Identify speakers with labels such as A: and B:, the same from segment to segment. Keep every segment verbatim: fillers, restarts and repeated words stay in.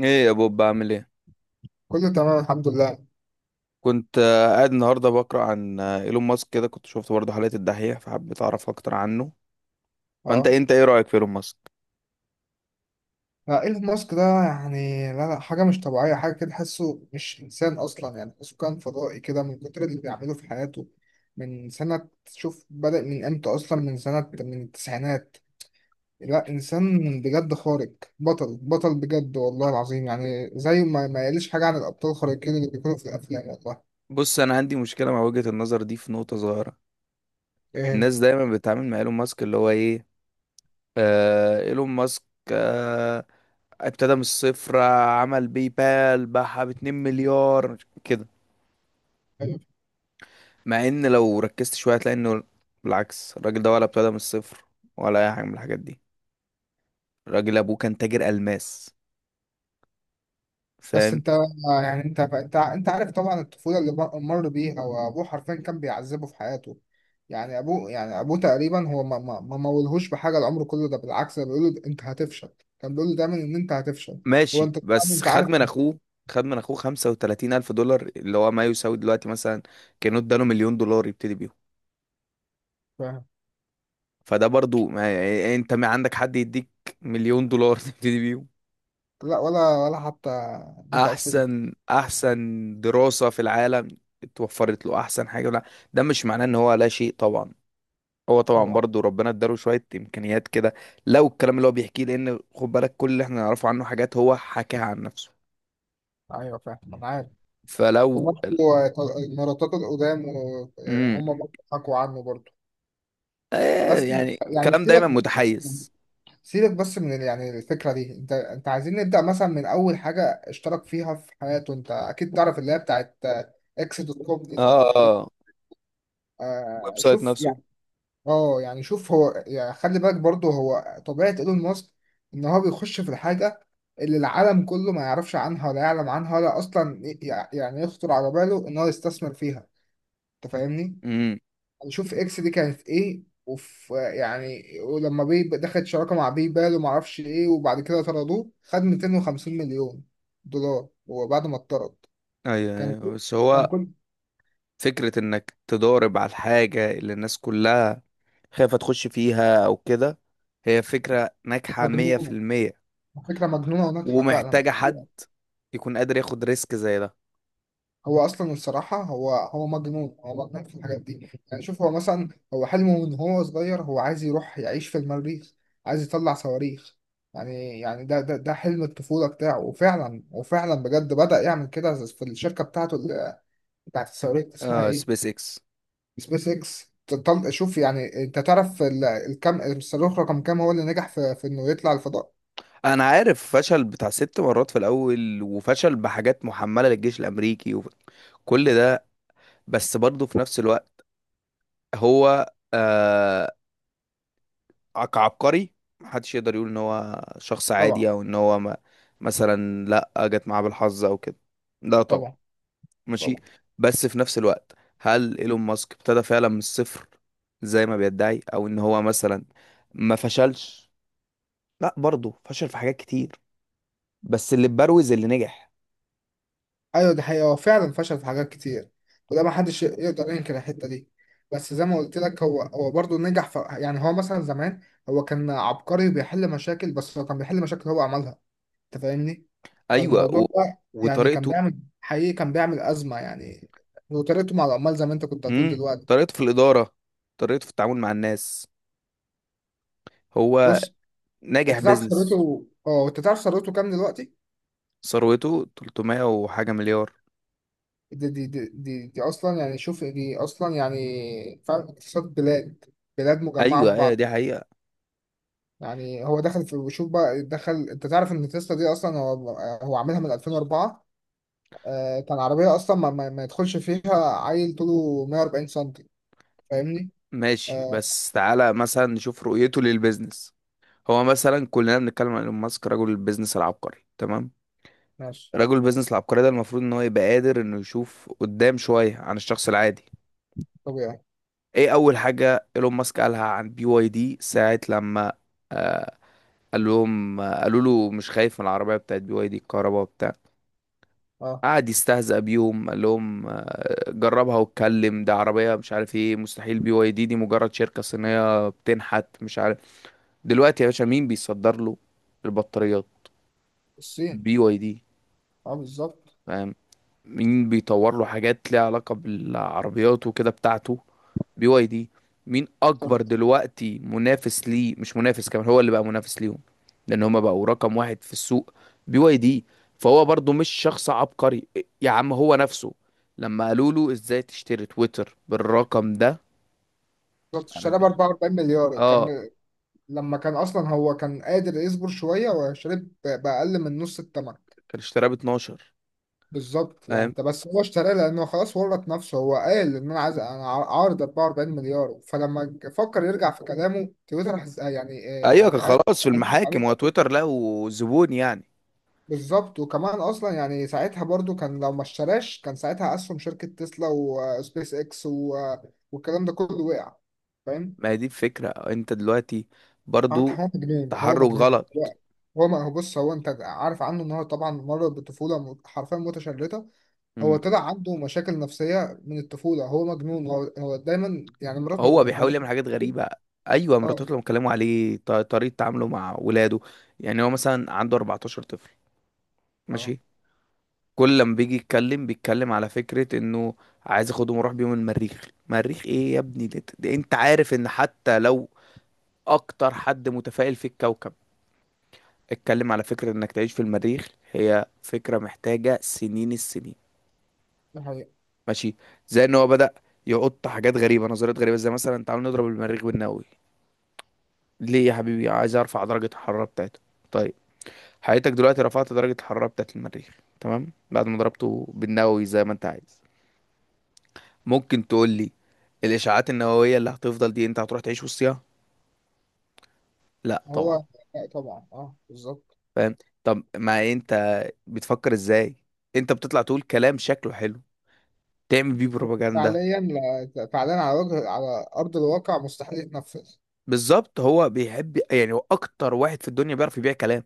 A: ايه يا بوب، بعمل ايه؟
B: كله تمام الحمد لله.
A: كنت آه، قاعد النهارده بقرا عن آه، ايلون ماسك كده. كنت شفت برضه حلقه الدحيح فحبيت اعرف اكتر عنه. فانت
B: اه.
A: انت ايه رايك في ايلون ماسك؟
B: لا، ايلون ماسك ده يعني لا لا حاجة مش طبيعية، حاجة كده تحسه مش إنسان أصلا، يعني تحسه كان فضائي كده من كتر اللي بيعمله في حياته. من سنة، شوف بدأ من إمتى أصلا، من سنة من التسعينات. لا إنسان بجد خارق، بطل بطل بجد والله العظيم، يعني زي ما ما يقلش حاجة عن الأبطال الخارقين اللي بيكونوا في الأفلام والله.
A: بص، انا عندي مشكله مع وجهه النظر دي في نقطه صغيره.
B: إيه
A: الناس دايما بتتعامل مع ايلون ماسك اللي هو ايه. آه، ايلون ماسك. آه، ابتدى من الصفر. آه، عمل باي بال باعها ب اتنين مليار كده، مع ان لو ركزت شويه هتلاقي انه بالعكس، الراجل ده ولا ابتدى من الصفر ولا اي حاجه من الحاجات دي. الراجل ابوه كان تاجر الماس،
B: بس
A: فاهم.
B: انت يعني انت انت انت عارف طبعا الطفوله اللي مر مر بيها، وابوه حرفيا كان بيعذبه في حياته. يعني ابوه، يعني ابوه تقريبا هو ما ما ما مولهوش بحاجه العمر كله ده، بالعكس ده بيقول له انت هتفشل، كان بيقول له دايما ان انت هتفشل. هو
A: ماشي،
B: انت طبعاً
A: بس
B: انت
A: خد
B: عارف.
A: من اخوه، خد من اخوه خمسة وثلاثين الف دولار اللي هو ما يساوي دلوقتي مثلا، كانوا اداله مليون دولار يبتدي بيهم.
B: فاهم.
A: فده برضو ما يعني إيه، انت ما عندك حد يديك مليون دولار تبتدي بيهم.
B: لا ولا ولا حتى مية ألف جنيه.
A: احسن، احسن دراسة في العالم اتوفرت له، احسن حاجة. لا، ده مش معناه ان هو لا شيء طبعا. هو طبعا
B: طبعا.
A: برضو ربنا اداله شوية امكانيات كده، لو الكلام اللي هو بيحكيه، لان خد بالك كل اللي احنا نعرفه عنه حاجات هو حكاها عن نفسه،
B: ايوه فاهم انا عارف.
A: فلو.
B: وبرضه مراتات القدام
A: امم
B: وهم برضه حكوا عنه برضه.
A: آه،
B: بس
A: يعني
B: يعني
A: الكلام
B: سيبك
A: دايما
B: بس، يعني
A: متحيز.
B: سيبك بس من ال- يعني الفكرة دي، انت انت عايزين نبدأ مثلا من أول حاجة اشترك فيها في حياته. انت أكيد تعرف اللي هي بتاعت اكس دوت كوم دي
A: اه،
B: طبعا.
A: اه، الويب
B: آه
A: سايت
B: شوف
A: نفسه.
B: يعني، اه يعني شوف هو يعني خلي بالك برضه هو طبيعة ايلون ماسك ان هو بيخش في الحاجة اللي العالم كله ما يعرفش عنها ولا يعلم عنها ولا أصلا ي- يعني يخطر على باله ان هو يستثمر فيها. انت فاهمني؟
A: امم
B: نشوف اكس دي كانت ايه، وف يعني ولما بي دخلت شراكه مع باي بال وما اعرفش ايه، وبعد كده طردوه خد مائتين وخمسين مليون دولار هو بعد ما اتطرد.
A: ايوه،
B: كان كل-
A: أيوة. بس
B: كان
A: هو
B: كل
A: فكرة انك تضارب على الحاجة اللي الناس كلها خايفة تخش فيها او كده، هي فكرة ناجحة مية في
B: مجنون،
A: المية
B: فكره مجنونه وناجحه فعلا.
A: ومحتاجة حد يكون قادر ياخد ريسك زي ده.
B: هو اصلا الصراحه هو هو مجنون، هو مجنون في الحاجات دي. يعني شوف هو مثلا، هو حلمه من هو صغير هو عايز يروح يعيش في المريخ، عايز يطلع صواريخ. يعني يعني ده ده ده حلم الطفولة بتاعه، وفعلا وفعلا بجد بدأ يعمل كده في الشركة بتاعته بتاعت الصاروخ اسمها
A: اه،
B: ايه.
A: سبيس اكس.
B: سبيس اكس. طل- شوف يعني انت تعرف ال- الكم الصاروخ رقم كام هو اللي نجح في, في انه يطلع الفضاء.
A: انا عارف فشل بتاع ست مرات في الاول، وفشل بحاجات محملة للجيش الامريكي وكل ده. بس برضه في نفس الوقت، هو آه، كعبقري محدش يقدر يقول ان هو شخص
B: طبعا.
A: عادي او ان هو ما مثلا، لا، جت معاه بالحظ او كده. لا طبعا.
B: طبعا.
A: ماشي.
B: طبعا.
A: بس في نفس الوقت، هل ايلون ماسك ابتدى فعلا من الصفر زي ما بيدعي، او ان هو مثلا ما فشلش؟ لا، برضه فشل في حاجات كتير، بس اللي بروز اللي نجح.
B: ايوه دي حقيقة، هو فعلا فشل في حاجات كتير، وده ما حدش يقدر ينكر الحتة دي. بس زي ما قلت لك هو هو برضه نجح في، يعني هو مثلا زمان هو كان عبقري بيحل مشاكل، بس هو كان بيحل مشاكل هو عملها. انت فاهمني.
A: ايوه
B: فالموضوع
A: و...
B: ده يعني كان
A: وطريقته.
B: بيعمل حقيقي، كان بيعمل أزمة يعني. وطريقته مع العمال زي ما انت كنت هتقول
A: امم
B: دلوقتي.
A: طريقته في الاداره، طريقته في التعامل مع الناس. هو
B: بص،
A: ناجح
B: انت تعرف
A: بيزنس.
B: ثروته. اه انت تعرف ثروته كام دلوقتي.
A: ثروته ثلاثمائة وحاجه مليار.
B: دي دي دي, دي, دي اصلا يعني شوف دي اصلا يعني فعلا اقتصاد بلاد، بلاد مجمعه في
A: ايوه، ايوه،
B: بعض.
A: دي حقيقة.
B: يعني هو دخل في، شوف بقى، دخل انت تعرف ان تسلا دي اصلا هو هو عاملها من ألفين وأربعة. آه كان عربيه اصلا ما, ما, ما يدخلش فيها. عيل طوله مائة وأربعين سم. فاهمني.
A: ماشي،
B: آه.
A: بس تعالى مثلا نشوف رؤيته للبيزنس. هو مثلا كلنا بنتكلم عن ايلون ماسك رجل البيزنس العبقري، تمام.
B: ماشي.
A: رجل البيزنس العبقري ده المفروض ان هو يبقى قادر انه يشوف قدام شوية عن الشخص العادي.
B: طبيعي.
A: ايه اول حاجة ايلون ماسك قالها عن بي واي دي ساعة لما قال لهم، قالوا له مش خايف من العربية بتاعت بي واي دي الكهرباء وبتاع؟
B: اه.
A: قعد يستهزأ بيهم، قال لهم آه، جربها واتكلم، ده عربية مش عارف ايه، مستحيل، بي واي دي دي مجرد شركة صينية بتنحت مش عارف. دلوقتي يا باشا مين بيصدر له البطاريات؟
B: الصين.
A: بي واي دي،
B: اه بالظبط.
A: فاهم. مين بيطور له حاجات ليها علاقة بالعربيات وكده بتاعته؟ بي واي دي. مين اكبر
B: بالظبط.
A: دلوقتي منافس ليه؟ مش منافس، كمان هو اللي بقى منافس ليهم، لان هما بقوا رقم واحد في السوق، بي واي دي. فهو برضو مش شخص عبقري. يا عم هو نفسه لما قالوا له ازاي تشتري تويتر بالرقم ده،
B: بالظبط. اشتريها
A: عارف-
B: ب أربعة وأربعين مليار
A: اه.
B: كان، لما كان اصلا هو كان قادر يصبر شويه وشرب باقل من نص الثمن.
A: كان اشتراه ب اتناشر،
B: بالظبط يعني
A: فاهم.
B: انت بس هو اشتراه لانه خلاص ورط نفسه، هو قال ان انا عايز انا عار- عارض أربعة وأربعين مليار، فلما ج- فكر يرجع في كلامه تويتر حس- آه، يعني آه،
A: ايوه،
B: يعني
A: كان
B: قال
A: خلاص في المحاكم
B: عليك.
A: وتويتر له زبون يعني.
B: بالظبط. وكمان اصلا يعني ساعتها برضو كان لو ما اشتراش كان ساعتها اسهم شركه تسلا وسبيس اكس و- آه، والكلام ده كله وقع. فاهم.
A: ما هي دي الفكرة، انت دلوقتي
B: اه
A: برضو
B: هو مجنون، هو
A: تحرك
B: مجنون
A: غلط.
B: هو هو ما هو بص هو انت عارف عنه ان هو طبعا مر بطفوله م- حرفيا متشرده. هو
A: مم.
B: طلع عنده مشاكل نفسيه من الطفوله، هو مجنون، هو هو دايما يعني مراته
A: هو بيحاول
B: مرات.
A: يعمل حاجات غريبة. ايوه،
B: اه.
A: مراتات لما اتكلموا عليه ط- طريقة تعامله مع ولاده. يعني هو مثلا عنده اربعتاشر طفل،
B: اه.
A: ماشي. كل لما بيجي يتكلم بيتكلم على فكرة انه عايز اخدهم واروح بيهم المريخ. مريخ ايه يا ابني؟ ده, ده انت عارف ان حتى لو اكتر حد متفائل في الكوكب اتكلم على فكرة انك تعيش في المريخ، هي فكرة محتاجة سنين السنين.
B: ده حقيقة.
A: ماشي، زي ان هو بدأ يحط حاجات غريبة، نظريات غريبة زي مثلا تعالوا نضرب المريخ بالنووي. ليه يا حبيبي؟ عايز ارفع درجة الحرارة بتاعته. طيب، حضرتك دلوقتي رفعت درجة الحرارة بتاعة المريخ، تمام، بعد ما ضربته بالنووي زي ما انت عايز، ممكن تقول لي الاشعاعات النووية اللي هتفضل دي انت هتروح تعيش وسطها؟ لا
B: هو
A: طبعا،
B: لا طبعا، اه بالظبط.
A: فاهم. طب ما انت بتفكر ازاي؟ انت بتطلع تقول كلام شكله حلو تعمل بيه
B: بس
A: بروباجندا.
B: فعليا لا- فعليا على وجه على ارض الواقع مستحيل يتنفذ.
A: بالظبط، هو بيحب، يعني هو اكتر واحد في الدنيا بيعرف يبيع كلام.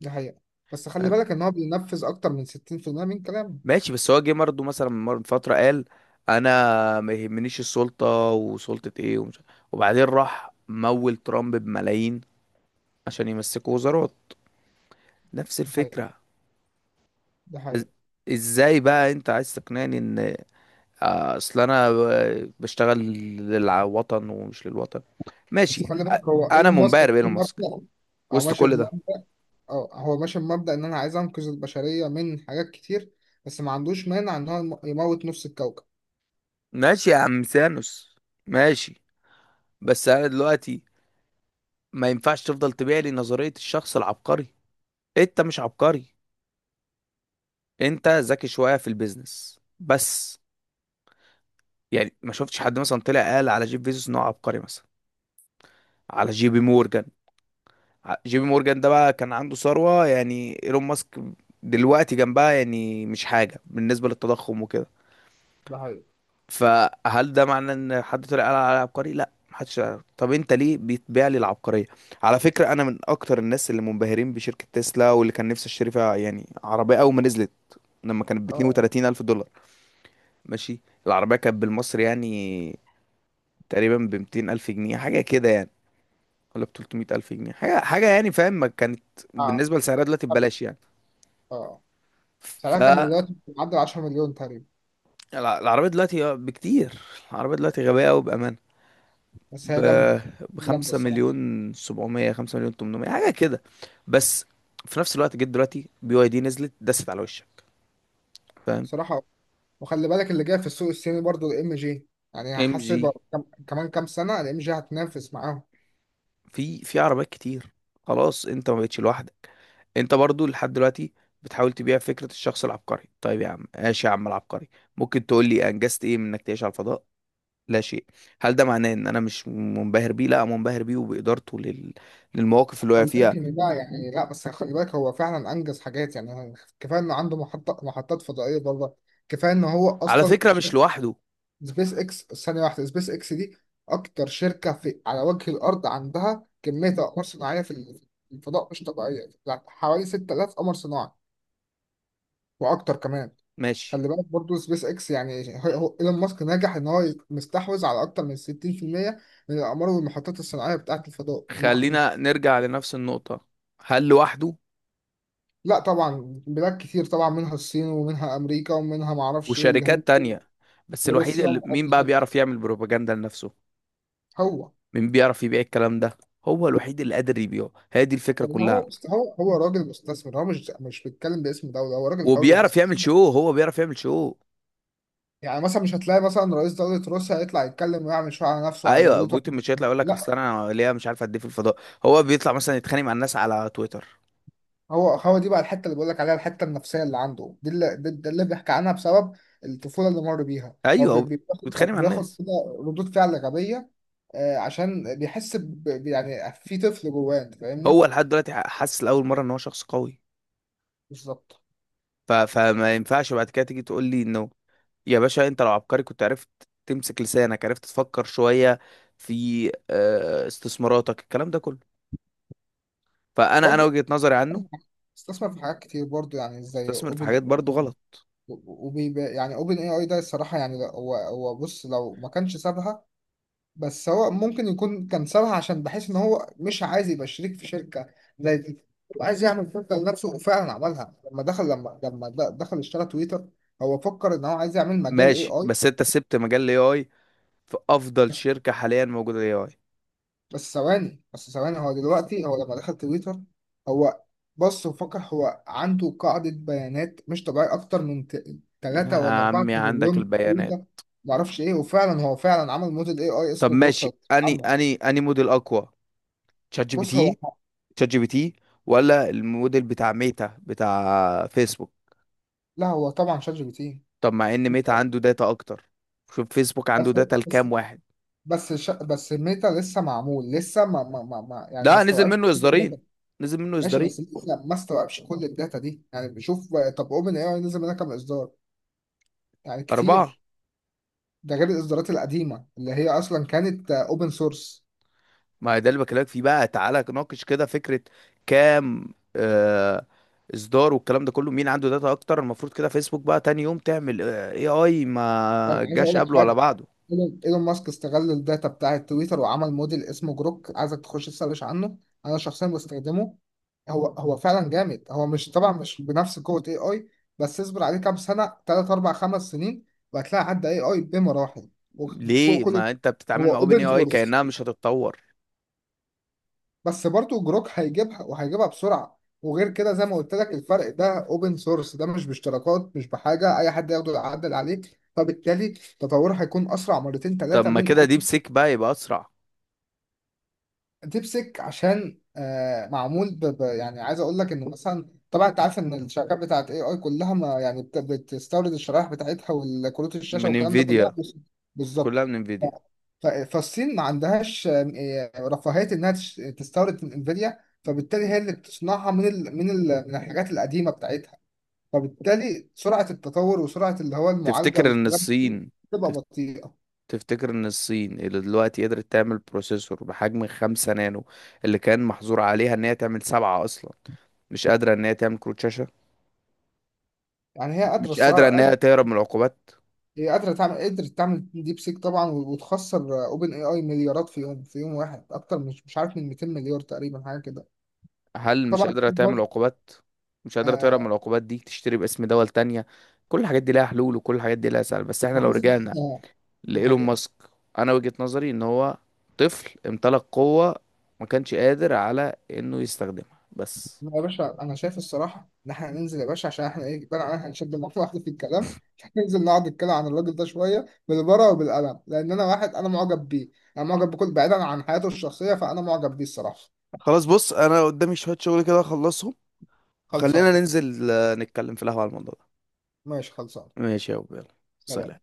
B: ده حقيقة. بس خلي بالك ان هو بينفذ اكتر من ستين في المية من كلامه.
A: ماشي، بس هو جه برضه مثلا من مر- من فترة قال انا ما يهمنيش السلطة، وسلطة ايه ومش، وبعدين راح مول ترامب بملايين عشان يمسكوا وزارات. نفس
B: ده حقيقة.
A: الفكرة.
B: ده
A: إز-
B: حقيقة.
A: ازاي بقى انت عايز تقنعني ان آه، اصل انا ب- بشتغل للوطن ومش للوطن؟
B: بس
A: ماشي
B: خلي
A: أ-
B: بالك هو
A: انا
B: ايلون ماسك
A: منبهر
B: ماشي
A: بايلون ماسك
B: بمبدأ. او
A: وسط
B: ماشي.
A: كل ده.
B: اه هو ماشي بمبدأ ان انا عايز انقذ البشرية من حاجات كتير، بس ما عندوش مانع ان هو يم- يموت نص الكوكب.
A: ماشي يا عم سانوس، ماشي. بس انا دلوقتي ما ينفعش تفضل تبيع لي نظرية الشخص العبقري. انت مش عبقري، انت ذكي شويه في البيزنس بس. يعني ما شفتش حد مثلا طلع قال على جيف بيزوس ان هو عبقري مثلا، على جي بي مورجان. ع- جي بي مورجان ده بقى كان عنده ثروه يعني ايلون ماسك دلوقتي جنبها يعني مش حاجه بالنسبه للتضخم وكده.
B: ده حقيقي.
A: فهل ده معناه ان حد طلع قال على عبقري؟ لا، محدش قال. طب انت ليه بتبيع لي العبقريه؟ على فكره انا من اكتر الناس اللي منبهرين بشركه تسلا، واللي كان نفسي اشتري فيها يعني عربيه اول ما نزلت، لما كانت ب
B: اه.
A: اتنين وتلاتين الف دولار، ماشي. العربية كانت بالمصري يعني تقريبا ب ميتين الف جنيه حاجه كده يعني، ولا ب تلتمية الف جنيه حاجه حاجه يعني، فاهم. ما كانت
B: اه.
A: بالنسبه لسعرها دلوقتي
B: قبل.
A: ببلاش يعني.
B: اه سعرها كان
A: فالعربيه
B: دلوقتي معدي عشرة مليون تقريبا.
A: دلوقتي آه، بكتير، العربيه دلوقتي غبيه قوي بامانه،
B: بس
A: ب
B: هي جامدة. هي جامدة
A: خمسة
B: الصراحة.
A: مليون سبعمية، خمسة مليون ثمانمائة حاجه كده. بس في نفس الوقت جيت دلوقتي بي واي دي نزلت دست على وشك، فاهم.
B: الصراحة وخلي بالك اللي جاي في السوق الصيني برضو الام جي. يعني
A: ام
B: هحس
A: جي
B: بقى كم... كمان كام سنة الام جي هتنافس معاهم.
A: في في عربيات كتير، خلاص انت ما بقتش لوحدك. انت برضو لحد دلوقتي بتحاول تبيع فكرة الشخص العبقري. طيب يا عم، ماشي يا عم العبقري، ممكن تقول لي انجزت ايه من انك تعيش على الفضاء؟ لا شيء. هل ده معناه ان انا مش منبهر بيه؟ لا، منبهر بيه وبإدارته لل...
B: بس
A: للمواقف اللي وقع
B: خلي
A: فيها.
B: بالك ان ده يعني لا، بس خلي بالك هو فعلا انجز حاجات يعني. كفاية انه عنده محطة محطات فضائية برضه. كفاية ان هو
A: على
B: اصلا
A: فكرة مش لوحده.
B: سبيس اكس، ثانية واحدة، سبيس اكس دي أكتر شركة في على وجه الأرض عندها كمية أقمار صناعية في ال- في الفضاء مش طبيعية، يعني حوالي ستة الاف قمر صناعي وأكتر كمان.
A: ماشي،
B: خلي بالك برضو سبيس اكس يعني هو هو ايلون ماسك نجح ان هو مستحوذ على اكتر من ستين في المية من الاقمار والمحطات الصناعيه بتاعه الفضاء. مح...
A: خلينا نرجع لنفس النقطة. هل لوحده؟
B: لا طبعا بلاد كتير طبعا، منها الصين ومنها امريكا ومنها معرفش ايه الهند
A: وشركات تانية، بس الوحيد
B: وروسيا.
A: اللي
B: آه،
A: مين بقى
B: بالظبط.
A: بيعرف يعمل بروباجندا لنفسه؟
B: هو
A: مين بيعرف يبيع الكلام ده؟ هو الوحيد اللي قادر يبيعه، هي دي الفكرة
B: لان
A: كلها.
B: هو مست- هو هو راجل مستثمر، هو مش مش بيتكلم باسم دوله، هو راجل حر
A: وبيعرف يعمل
B: مستثمر.
A: شو، هو بيعرف يعمل شو.
B: يعني مثلا مش هتلاقي مثلا رئيس دوله روسيا يطلع يتكلم ويعمل شو على نفسه على
A: ايوه،
B: دولته.
A: بوتين مش هيطلع يقول لك اصل
B: لا.
A: انا ليا مش عارف قد ايه في الفضاء. هو بيطلع مثلا يتخانق مع الناس على تويتر.
B: هو هو دي بقى الحته اللي بقول لك عليها، الحته النفسيه اللي عنده دي، اللي دي دي اللي بيحكي عنها، بسبب الطفوله اللي مر بيها. هو
A: ايوه،
B: بي-
A: هو
B: بي- بياخد أو
A: بيتخانق مع
B: بياخد
A: الناس.
B: كده ردود فعل غبيه. آه، عشان بيحس ب... ب- يعني في طفل جواه، انت
A: هو
B: فاهمني.
A: لحد دلوقتي حاسس لاول مره ان هو شخص قوي.
B: بالظبط.
A: ف... فما ينفعش بعد كده تيجي تقول لي انه يا باشا، انت لو عبقري كنت عرفت تمسك لسانك، عرفت تفكر شويه في آه، استثماراتك، الكلام ده كله. فانا انا
B: برضه
A: وجهة نظري عنه،
B: استثمر في حاجات كتير برضه، يعني زي
A: استثمر في
B: اوبن.
A: حاجات برضو غلط.
B: وبيبقى يعني اوبن اي اي ده الصراحه يعني، لا- هو هو بص لو ما كانش سابها. بس هو ممكن يكون كان سابها عشان بحيث ان هو مش عايز يبقى شريك في شركه زي دي. هو عايز يعمل شركه لنفسه، وفعلا عملها لما دخل، لما لما د- دخل اشترى تويتر. هو فكر ان هو عايز يعمل مجال اي
A: ماشي،
B: اي.
A: بس انت سبت مجال الاي اي في افضل شركه حاليا موجوده الاي اي.
B: بس ثواني، بس ثواني، هو دلوقتي هو لما دخل تويتر، هو بص وفكر هو عنده قاعدة بيانات مش طبيعية أكتر من
A: يا
B: ثلاثة ولا أربعة
A: عمي، عندك
B: تريليون
A: البيانات.
B: تويتر معرفش إيه. وفعلا هو فعلا عمل موديل إي آي
A: طب
B: اسمه
A: ماشي
B: جروكلت
A: اني
B: عمل.
A: اني اني موديل اقوى، تشات جي بي
B: بص هو.
A: تي؟ تشات جي بي تي ولا الموديل بتاع ميتا بتاع فيسبوك؟
B: لا هو طبعا شات جي بي تي.
A: طب مع ان ميتا عنده داتا اكتر، شوف فيسبوك عنده
B: بس
A: داتا
B: بس
A: لكام واحد.
B: بس ش... بس ميتا لسه معمول لسه ما ما ما ما- يعني ما
A: لا، نزل
B: استوعبش
A: منه
B: كل الداتا.
A: اصدارين، نزل منه
B: ماشي بس
A: اصدارين.
B: لسه ما استوعبش كل الداتا دي يعني. بشوف طب اوبن اي اي نزل منها كام اصدار، يعني
A: اربعة.
B: كتير. ده غير الاصدارات القديمه اللي هي اصلا كانت اوبن سورس.
A: ما هي ده اللي بكلمك فيه بقى، تعالى ناقش كده فكرة كام آه اصدار والكلام ده كله. مين عنده داتا اكتر؟ المفروض كده فيسبوك بقى تاني يوم تعمل اي اي، ما
B: عايز اقول
A: جاش
B: لك
A: قبله ولا
B: حاجه.
A: بعده.
B: ايلون إيلون ماسك استغل الداتا بتاعه تويتر وعمل موديل اسمه جروك. عايزك تخش تسرش عنه، انا شخصيا بستخدمه. هو هو فعلا جامد، هو مش طبعا مش بنفس قوه اي اي، بس اصبر عليه كام سنه، ثلاثة أربعة خمس سنين، وهتلاقي عدى اي اي بمراحل
A: ليه
B: وفوق كل.
A: ما انت بتتعامل
B: هو
A: مع اوبن اي
B: اوبن
A: اي
B: سورس
A: كأنها مش هتتطور؟
B: بس برضو جروك هيجيبها، وهيجيبها بسرعة. وغير كده زي ما قلت لك الفرق ده اوبن سورس ده مش باشتراكات مش بحاجة، اي حد يقدر يعدل عليه، فبالتالي تطوره هيكون اسرع مرتين
A: طب
B: ثلاثة
A: ما
B: من
A: كده ديب سيك بقى يبقى اسرع.
B: ديبسيك. عشان آه معمول ب... ب... يعني عايز اقول لك انه مثلا طبعا انت عارف ان الشركات بتاعت اي اي كلها ما يعني بت... بتستورد الشرائح بتاعتها والكروت الشاشه
A: من
B: والكلام ده كلها
A: انفيديا،
B: بس. بالظبط.
A: كلها من
B: ف...
A: انفيديا.
B: ف... فالصين ما عندهاش آم، آه، رفاهيه انها تش... تستورد من انفيديا، فبالتالي هي اللي بتصنعها من ال... من ال... من الحاجات القديمه بتاعتها. فبالتالي سرعه التطور وسرعه اللي هو المعالجه
A: تفتكر ان
B: والكلام ده
A: الصين،
B: تبقى
A: تف-
B: بطيئه.
A: تفتكر ان الصين اللي دلوقتي قدرت تعمل بروسيسور بحجم خمسة نانو، اللي كان محظور عليها ان هي تعمل سبعة اصلا، مش قادرة ان هي تعمل كروت شاشة،
B: يعني هي قادره
A: مش قادرة ان
B: الصراحه،
A: هي تهرب من العقوبات؟
B: هي قادرة تعمل، قدرت تعمل ديب سيك طبعا وتخسر اوبن اي اي مليارات في يوم، في يوم واحد، اكتر مش مش عارف من مئتين مليار تقريبا حاجة كده.
A: هل مش
B: طبعا
A: قادرة تعمل
B: برضه.
A: عقوبات؟ مش قادرة تهرب من
B: آه
A: العقوبات دي، تشتري باسم دول تانية، كل الحاجات دي لها حلول وكل الحاجات دي لها سهل. بس احنا
B: ما
A: لو رجعنا
B: حصلش. آه، دي
A: لإيلون
B: حقيقة.
A: ماسك، انا وجهة نظري ان هو طفل امتلك قوة، ما كانش قادر على انه يستخدمها بس.
B: لا يا باشا أنا شايف الصراحة إن إحنا ننزل يا باشا، عشان إحنا إيه بقى، أنا هنشد مع واحد في الكلام. ننزل نقعد نتكلم عن الراجل ده شوية بالورقة وبالقلم، لأن أنا واحد أنا معجب بيه، أنا معجب بكل، بعيدا عن حياته الشخصية فأنا معجب بيه الصراحة.
A: خلاص، بص انا قدامي شوية شغل كده اخلصهم،
B: خلصان.
A: وخلينا ننزل آه، نتكلم في القهوة على الموضوع ده.
B: ماشي خلصان.
A: ماشي يا أبو، يلا.
B: سلام.
A: سلام.